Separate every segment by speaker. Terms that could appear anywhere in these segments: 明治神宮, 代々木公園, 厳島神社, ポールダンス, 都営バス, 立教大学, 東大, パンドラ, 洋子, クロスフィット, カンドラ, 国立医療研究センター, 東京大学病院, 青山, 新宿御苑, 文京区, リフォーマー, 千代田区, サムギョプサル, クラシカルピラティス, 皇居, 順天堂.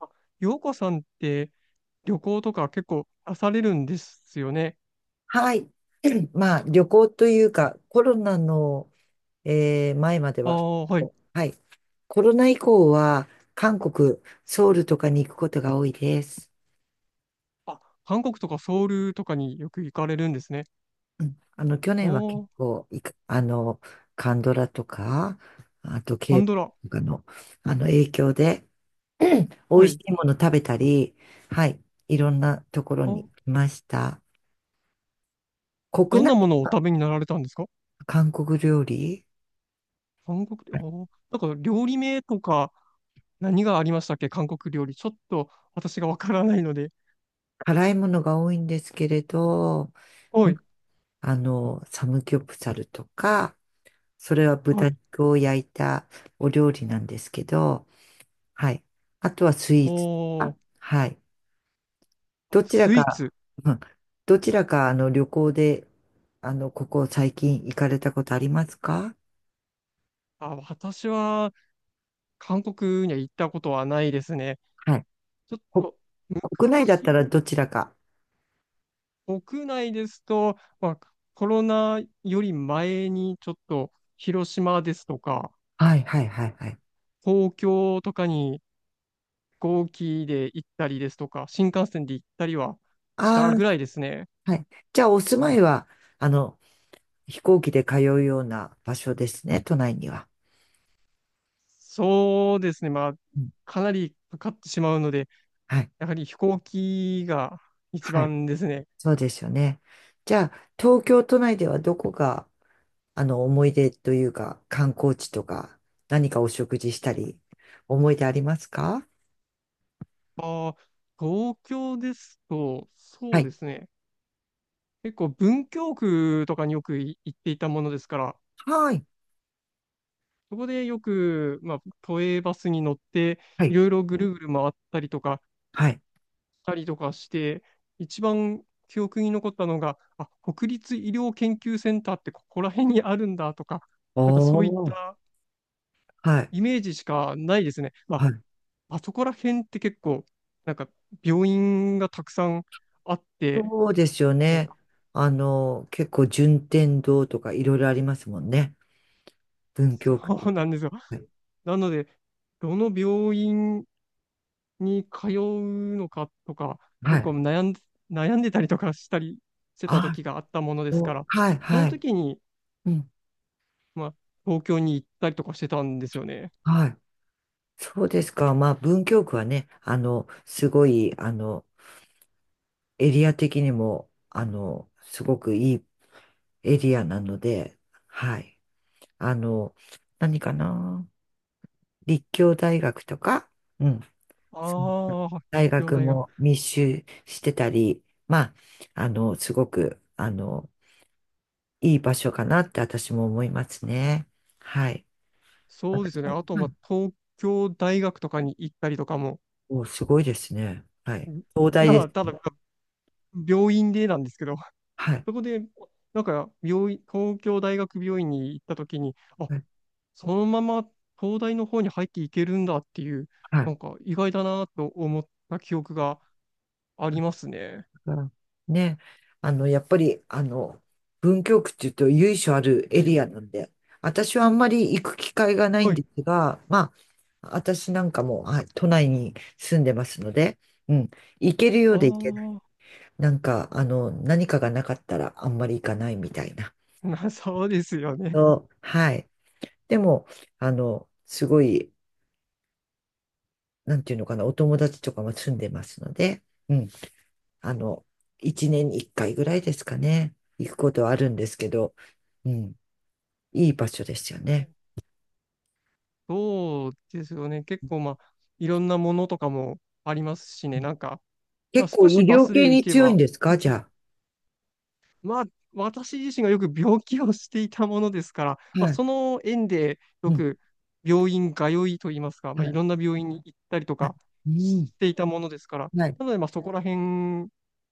Speaker 1: あ、洋子さんって旅行とか結構なされるんですよね。
Speaker 2: はい。まあ、旅行というか、コロナの、前まで
Speaker 1: あ
Speaker 2: は、
Speaker 1: あ、はい。
Speaker 2: はい。コロナ以降は、韓国、ソウルとかに行くことが多いです。
Speaker 1: あ、韓国とかソウルとかによく行かれるんですね。
Speaker 2: 去年は結
Speaker 1: おー、
Speaker 2: 構いく、カンドラとか、あと
Speaker 1: パ
Speaker 2: k
Speaker 1: ン
Speaker 2: p
Speaker 1: ドラ。
Speaker 2: o とかの、影響で、美
Speaker 1: は
Speaker 2: 味し
Speaker 1: い。
Speaker 2: いもの食べたり、はい。いろんなところ
Speaker 1: あ、
Speaker 2: に来ました。国
Speaker 1: どん
Speaker 2: 内
Speaker 1: なものをお食べになられたんですか。
Speaker 2: の韓国料理、
Speaker 1: 韓国料理、お、なんか料理名とか何がありましたっけ、韓国料理。ちょっと私がわからないので。
Speaker 2: 辛いものが多いんですけれど、
Speaker 1: はい。
Speaker 2: サムギョプサルとか、それは
Speaker 1: は
Speaker 2: 豚
Speaker 1: い。
Speaker 2: 肉を焼いたお料理なんですけど、はい。あとはスイーツと
Speaker 1: おー、
Speaker 2: か。はい。どちら
Speaker 1: スイー
Speaker 2: か、
Speaker 1: ツ。
Speaker 2: うん、どちらか、旅行で、ここ最近行かれたことありますか？
Speaker 1: あ、私は韓国には行ったことはないですね。
Speaker 2: はい。
Speaker 1: ちょっ
Speaker 2: こ、
Speaker 1: と
Speaker 2: 国内だった
Speaker 1: 昔、
Speaker 2: らどちらか。
Speaker 1: 国内ですと、まあ、コロナより前にちょっと広島ですとか、
Speaker 2: はい、はい、はい、はい。
Speaker 1: 東京とかに飛行機で行ったりですとか、新幹線で行ったりはした
Speaker 2: あ
Speaker 1: ぐらいですね。
Speaker 2: あ、はい。じゃあ、お住まいは、あの、飛行機で通うような場所ですね、都内には。
Speaker 1: そうですね、まあ、
Speaker 2: うん、
Speaker 1: かなりかかってしまうので、
Speaker 2: はい。
Speaker 1: やはり飛行機が一
Speaker 2: はい。
Speaker 1: 番ですね。
Speaker 2: そうですよね。じゃあ、東京都内ではどこが、思い出というか、観光地とか、何かお食事したり、思い出ありますか？
Speaker 1: あー、東京ですと、
Speaker 2: は
Speaker 1: そう
Speaker 2: い。
Speaker 1: ですね、結構文京区とかによく行っていたものですから、
Speaker 2: はい。
Speaker 1: そこでよく、まあ、都営バスに乗って、
Speaker 2: は
Speaker 1: い
Speaker 2: い。
Speaker 1: ろいろぐるぐる回ったりとか、
Speaker 2: はい。
Speaker 1: したりとかして、一番記憶に残ったのが、あ、国立医療研究センターってここら辺にあるんだとか、なんかそ
Speaker 2: お
Speaker 1: ういっ
Speaker 2: ー。
Speaker 1: た
Speaker 2: はい。
Speaker 1: イメージしかないですね。ま
Speaker 2: はい。
Speaker 1: あ、あそこら辺って結構、なんか病院がたくさんあって、
Speaker 2: そうですよ
Speaker 1: なん
Speaker 2: ね。
Speaker 1: か
Speaker 2: 結構、順天堂とかいろいろありますもんね。文京
Speaker 1: そ
Speaker 2: 区。
Speaker 1: うなんですよ。
Speaker 2: はい。
Speaker 1: なので、どの病院に通うのかとか、
Speaker 2: は
Speaker 1: 結構
Speaker 2: い。
Speaker 1: 悩ん、悩んでたりとかしたりしてた
Speaker 2: あ、
Speaker 1: 時があったものです
Speaker 2: そ
Speaker 1: か
Speaker 2: う、
Speaker 1: ら、
Speaker 2: はい。
Speaker 1: その
Speaker 2: はい。
Speaker 1: 時に、
Speaker 2: うん。
Speaker 1: まあ、東京に行ったりとかしてたんですよね。
Speaker 2: はい。そうですか。まあ、文京区はね、すごい、エリア的にも、すごくいいエリアなので、はい。あの、何かな、立教大学とか、うん。
Speaker 1: ああ、立
Speaker 2: 大
Speaker 1: 教
Speaker 2: 学
Speaker 1: 大学。
Speaker 2: も密集してたり、まあ、すごく、いい場所かなって私も思いますね。はい。
Speaker 1: そうです
Speaker 2: 私
Speaker 1: よね。
Speaker 2: も、
Speaker 1: あと、
Speaker 2: は
Speaker 1: ま
Speaker 2: い。
Speaker 1: あ、東京大学とかに行ったりとかも、
Speaker 2: お、すごいですね。はい。
Speaker 1: ん
Speaker 2: 東大で
Speaker 1: まあ、た
Speaker 2: す。
Speaker 1: だ、病院でなんですけど、
Speaker 2: はい。
Speaker 1: そこで、なんか、病院、東京大学病院に行ったときに、あ、
Speaker 2: はい。
Speaker 1: そのまま東大の方に入っていけるんだっていう、
Speaker 2: はい
Speaker 1: なんか意外だなと思った記憶がありますね。
Speaker 2: からね、やっぱり、文京区っていうと由緒あるエリアなんで、私はあんまり行く機会がないん
Speaker 1: は
Speaker 2: で
Speaker 1: い。
Speaker 2: すが、まあ、私なんかも、はい、都内に住んでますので、うん、行けるよ
Speaker 1: あ
Speaker 2: うで行けない。
Speaker 1: あ、
Speaker 2: なんか、何かがなかったらあんまり行かないみたいな。
Speaker 1: な、そうですよね。
Speaker 2: そうはい。でも、すごい、なんていうのかな、お友達とかも住んでますので、うん、あの、一年に一回ぐらいですかね、行くことはあるんですけど、うん、いい場所ですよね。
Speaker 1: そうですよね。結構まあ、いろんなものとかもありますし
Speaker 2: う
Speaker 1: ね。
Speaker 2: ん、
Speaker 1: なんか、まあ
Speaker 2: 結構
Speaker 1: 少し
Speaker 2: 医
Speaker 1: バ
Speaker 2: 療
Speaker 1: スで
Speaker 2: 系
Speaker 1: 行
Speaker 2: に
Speaker 1: け
Speaker 2: 強いん
Speaker 1: ば、
Speaker 2: ですかじゃ
Speaker 1: まあ私自身がよく病気をしていたものですから、
Speaker 2: あ。
Speaker 1: まあ、
Speaker 2: はい。
Speaker 1: その縁でよ
Speaker 2: うん。
Speaker 1: く病院通いといいますか、まあ、
Speaker 2: は
Speaker 1: い
Speaker 2: い。
Speaker 1: ろんな病院に行ったりと
Speaker 2: はい。
Speaker 1: か
Speaker 2: うん。
Speaker 1: していたものですから、
Speaker 2: はい。
Speaker 1: なので、まあ、そこら辺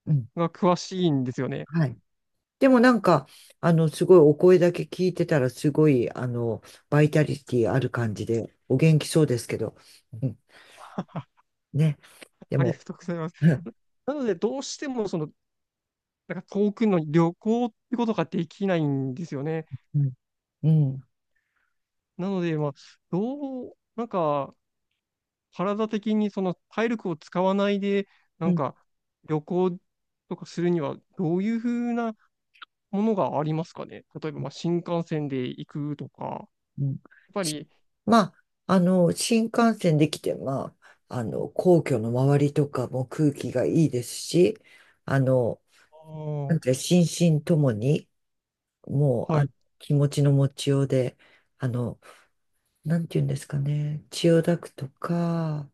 Speaker 2: うん。
Speaker 1: が詳しいんですよね。
Speaker 2: はい。でもなんか、すごいお声だけ聞いてたら、すごい、バイタリティある感じで、お元気そうですけど、うん。ね。で
Speaker 1: ありが
Speaker 2: も、
Speaker 1: とうございます。
Speaker 2: うん。
Speaker 1: なので、どうしても、その、なんか遠くの旅行ってことができないんですよね。
Speaker 2: うん。うん。
Speaker 1: なので、まあ、どう、なんか、体的にその体力を使わないで、な
Speaker 2: う
Speaker 1: ん
Speaker 2: ん、
Speaker 1: か、旅行とかするには、どういうふうなものがありますかね。例えば、まあ、新幹線で行くとか、やっ
Speaker 2: うん、
Speaker 1: ぱ
Speaker 2: し、
Speaker 1: り、
Speaker 2: まあ、新幹線で来て、まあ、皇居の周りとかも空気がいいですし、あの、
Speaker 1: あー、
Speaker 2: なんていうか心身ともに、もう、
Speaker 1: は
Speaker 2: あ、
Speaker 1: い、
Speaker 2: 気持ちの持ちようで、あの、なんて言うんですかね、千代田区とか、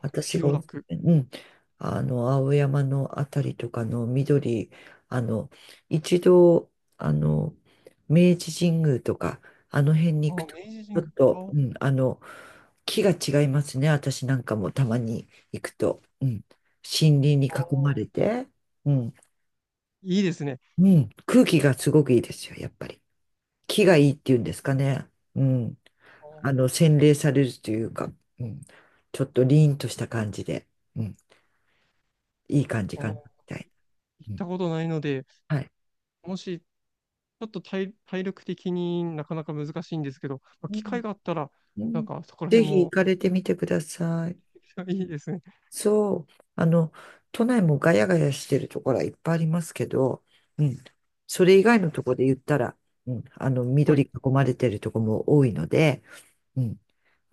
Speaker 2: 私
Speaker 1: 千
Speaker 2: が
Speaker 1: 代
Speaker 2: お
Speaker 1: 田
Speaker 2: すす
Speaker 1: 区、
Speaker 2: め、うん、青山のあたりとかの緑、あの、一度、あの、明治神宮とか、あの辺に
Speaker 1: あ
Speaker 2: 行く
Speaker 1: ー、
Speaker 2: と、ち
Speaker 1: 明治神
Speaker 2: ょ
Speaker 1: 宮、
Speaker 2: っ
Speaker 1: あ
Speaker 2: と、
Speaker 1: ー、
Speaker 2: うん、木が違いますね、私なんかもたまに行くと、うん、森林に
Speaker 1: あ
Speaker 2: 囲ま
Speaker 1: ー、
Speaker 2: れて、うん、
Speaker 1: いいですね。
Speaker 2: うん、空気がすごくいいですよ、やっぱり。木がいいっていうんですかね、うん。
Speaker 1: あー、
Speaker 2: 洗練されるというか、うん、ちょっと凛とした感じで、うん、いい感じ
Speaker 1: あー、
Speaker 2: か
Speaker 1: な
Speaker 2: な、
Speaker 1: ん
Speaker 2: みた
Speaker 1: かい、
Speaker 2: い
Speaker 1: 行っ
Speaker 2: な。うん、
Speaker 1: たことないので、
Speaker 2: はい。
Speaker 1: もし、ちょっと体、体力的になかなか難しいんですけど、まあ、
Speaker 2: う
Speaker 1: 機
Speaker 2: ん、
Speaker 1: 会があったら、
Speaker 2: う
Speaker 1: なん
Speaker 2: ん、
Speaker 1: かそこら
Speaker 2: ぜ
Speaker 1: 辺
Speaker 2: ひ行
Speaker 1: も
Speaker 2: かれてみてください。
Speaker 1: いいですね。
Speaker 2: そう。都内もガヤガヤしてるところはいっぱいありますけど、うん。それ以外のところで言ったら、うん、
Speaker 1: は
Speaker 2: 緑
Speaker 1: い。
Speaker 2: 囲まれてるところも多いので、うん。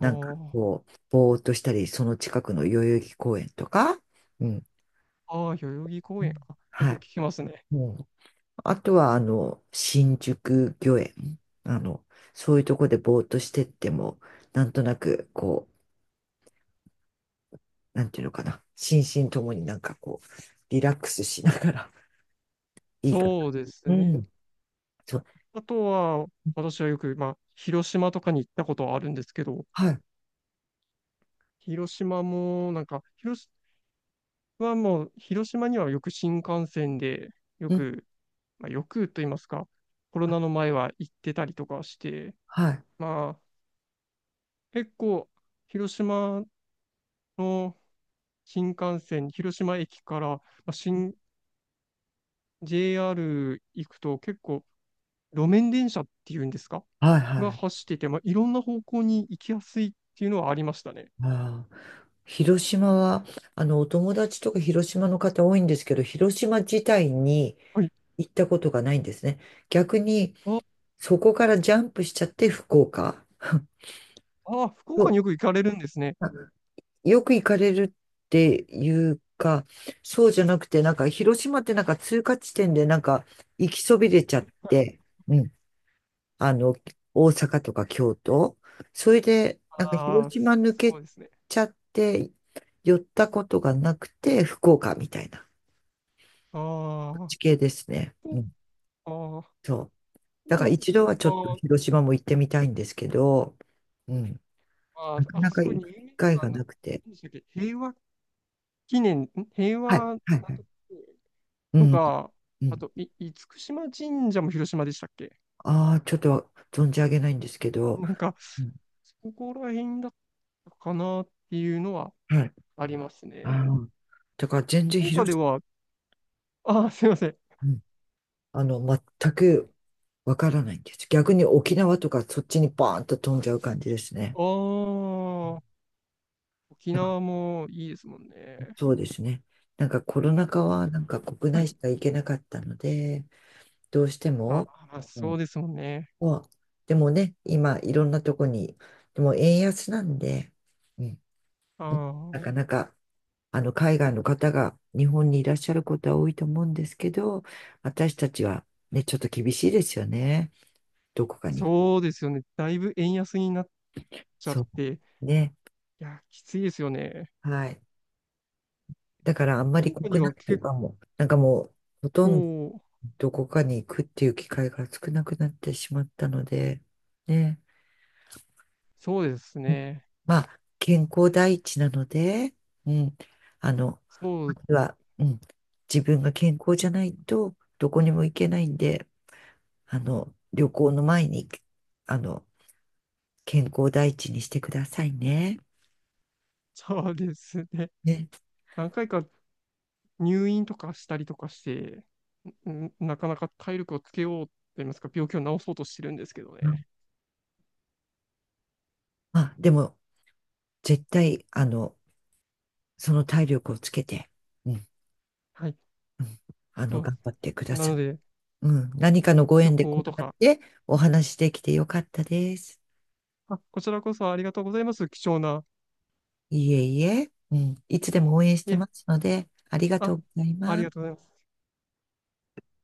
Speaker 1: あ
Speaker 2: んか
Speaker 1: ー、
Speaker 2: こう、ぼーっとしたり、その近くの代々木公園とか、うん。
Speaker 1: あー、代々木公園。あ、よ
Speaker 2: は
Speaker 1: く聞
Speaker 2: い。
Speaker 1: きますね。
Speaker 2: もう、あとは、新宿御苑。あの、そういうとこでぼーっとしてっても、なんとなく、こう、なんていうのかな。心身ともになんかこう、リラックスしながら、いいかな。
Speaker 1: そうです
Speaker 2: う
Speaker 1: ね。
Speaker 2: ん。そう。
Speaker 1: あとは、私はよく、まあ、広島とかに行ったことはあるんですけど、
Speaker 2: はい。
Speaker 1: 広島も、なんか、広島はもう、広島にはよく新幹線で、よ
Speaker 2: うん。
Speaker 1: く、まあ、よくと言いますか、コロ
Speaker 2: は、
Speaker 1: ナの前は行ってたりとかして、
Speaker 2: はい。
Speaker 1: まあ、結構、広島の新幹線、広島駅から、まあ JR 行くと、結構、路面電車っていうんですか
Speaker 2: はい。
Speaker 1: が
Speaker 2: はい。
Speaker 1: 走ってて、まあ、いろんな方向に行きやすいっていうのはありましたね。
Speaker 2: あー、広島は、お友達とか広島の方多いんですけど、広島自体に
Speaker 1: はい。
Speaker 2: 行ったことがないんですね。逆に、
Speaker 1: あ、
Speaker 2: そこからジャンプしちゃって福岡。
Speaker 1: あ、福
Speaker 2: そ
Speaker 1: 岡に
Speaker 2: う、
Speaker 1: よく行かれるんですね。
Speaker 2: よく行かれるっていうか、そうじゃなくて、なんか、広島ってなんか通過地点でなんか、行きそびれちゃって、うん、あの、大阪とか京都。それで、なんか
Speaker 1: あ
Speaker 2: 広
Speaker 1: あ、
Speaker 2: 島抜
Speaker 1: そ
Speaker 2: け
Speaker 1: うですね。
Speaker 2: ちゃって、寄ったことがなくて、福岡みたいな
Speaker 1: ああ、
Speaker 2: 地形ですね。う
Speaker 1: 福
Speaker 2: ん、
Speaker 1: 岡、
Speaker 2: そう。だから一度はち
Speaker 1: 福
Speaker 2: ょっと
Speaker 1: 岡、
Speaker 2: 広島も行ってみたいんですけど、うん、
Speaker 1: あ、
Speaker 2: なか
Speaker 1: あ
Speaker 2: な
Speaker 1: そ
Speaker 2: か
Speaker 1: こ
Speaker 2: 行
Speaker 1: に有
Speaker 2: く
Speaker 1: 名な
Speaker 2: 機
Speaker 1: の
Speaker 2: 会
Speaker 1: が
Speaker 2: が
Speaker 1: な、
Speaker 2: なくて。
Speaker 1: 何でしたっけ、平和記念、平
Speaker 2: は
Speaker 1: 和、
Speaker 2: い、
Speaker 1: なんと
Speaker 2: はい、はい。
Speaker 1: か
Speaker 2: う
Speaker 1: と
Speaker 2: ん、
Speaker 1: か、
Speaker 2: う
Speaker 1: あ
Speaker 2: ん。
Speaker 1: と、い、厳島神社も広島でしたっけ。
Speaker 2: ああ、ちょっと存じ上げないんですけど、
Speaker 1: なんか、
Speaker 2: うん、
Speaker 1: そこら辺だったかなっていうのは
Speaker 2: はい。
Speaker 1: あります
Speaker 2: あ
Speaker 1: ね。
Speaker 2: の、だから全然
Speaker 1: 福岡
Speaker 2: 広
Speaker 1: で
Speaker 2: し、
Speaker 1: は、あー、すいません。
Speaker 2: うん、あの、全くわからないんです。逆に沖縄とかそっちにバーンと飛んじゃう感じですね。
Speaker 1: あー、沖
Speaker 2: だから
Speaker 1: 縄もいいですもんね。
Speaker 2: そうですね。なんかコロナ禍
Speaker 1: こ、
Speaker 2: はなんか国
Speaker 1: は
Speaker 2: 内
Speaker 1: い。
Speaker 2: しか行けなかったので、どうして
Speaker 1: あ
Speaker 2: も、
Speaker 1: ー、まあ、
Speaker 2: う
Speaker 1: そ
Speaker 2: ん、
Speaker 1: うですもんね。
Speaker 2: まあでもね、今いろんなとこに、でも円安なんで、うん、
Speaker 1: あ
Speaker 2: な
Speaker 1: ー、
Speaker 2: かなか、海外の方が日本にいらっしゃることは多いと思うんですけど、私たちはね、ちょっと厳しいですよね。どこかに。
Speaker 1: そうですよね。だいぶ円安になっちゃっ
Speaker 2: そ
Speaker 1: て、い
Speaker 2: う。ね。
Speaker 1: や、きついですよね。
Speaker 2: はい。だからあんま
Speaker 1: 福
Speaker 2: り
Speaker 1: 岡に
Speaker 2: 国
Speaker 1: は
Speaker 2: 内と
Speaker 1: 結
Speaker 2: かも、なんかもう、ほとんど
Speaker 1: 構、
Speaker 2: どこかに行くっていう機会が少なくなってしまったので、ね。
Speaker 1: そうですね。
Speaker 2: まあ、健康第一なので、うん。あの、
Speaker 1: そ
Speaker 2: ま
Speaker 1: う、
Speaker 2: ずは、うん。自分が健康じゃないと、どこにも行けないんで、旅行の前に、あの、健康第一にしてくださいね。
Speaker 1: そうですね。
Speaker 2: ね。
Speaker 1: 何回か入院とかしたりとかして、なかなか体力をつけようと言いますか、病気を治そうとしてるんですけど
Speaker 2: まあ、
Speaker 1: ね。
Speaker 2: まあでも、絶対、その体力をつけて、うん、う
Speaker 1: はい、
Speaker 2: ん、
Speaker 1: そうです
Speaker 2: 頑張ってくだ
Speaker 1: ね。な
Speaker 2: さ
Speaker 1: の
Speaker 2: い。
Speaker 1: で、
Speaker 2: うん、何かのご
Speaker 1: 旅
Speaker 2: 縁でこ
Speaker 1: 行
Speaker 2: う
Speaker 1: と
Speaker 2: やっ
Speaker 1: か、
Speaker 2: てお話しできてよかったです。
Speaker 1: あ、こちらこそありがとうございます。貴重な。
Speaker 2: いえいえ、うん、いつでも応援し
Speaker 1: い
Speaker 2: て
Speaker 1: え、
Speaker 2: ますので、ありがと
Speaker 1: あ、
Speaker 2: うござい
Speaker 1: あり
Speaker 2: ま
Speaker 1: がと
Speaker 2: す。
Speaker 1: うございます。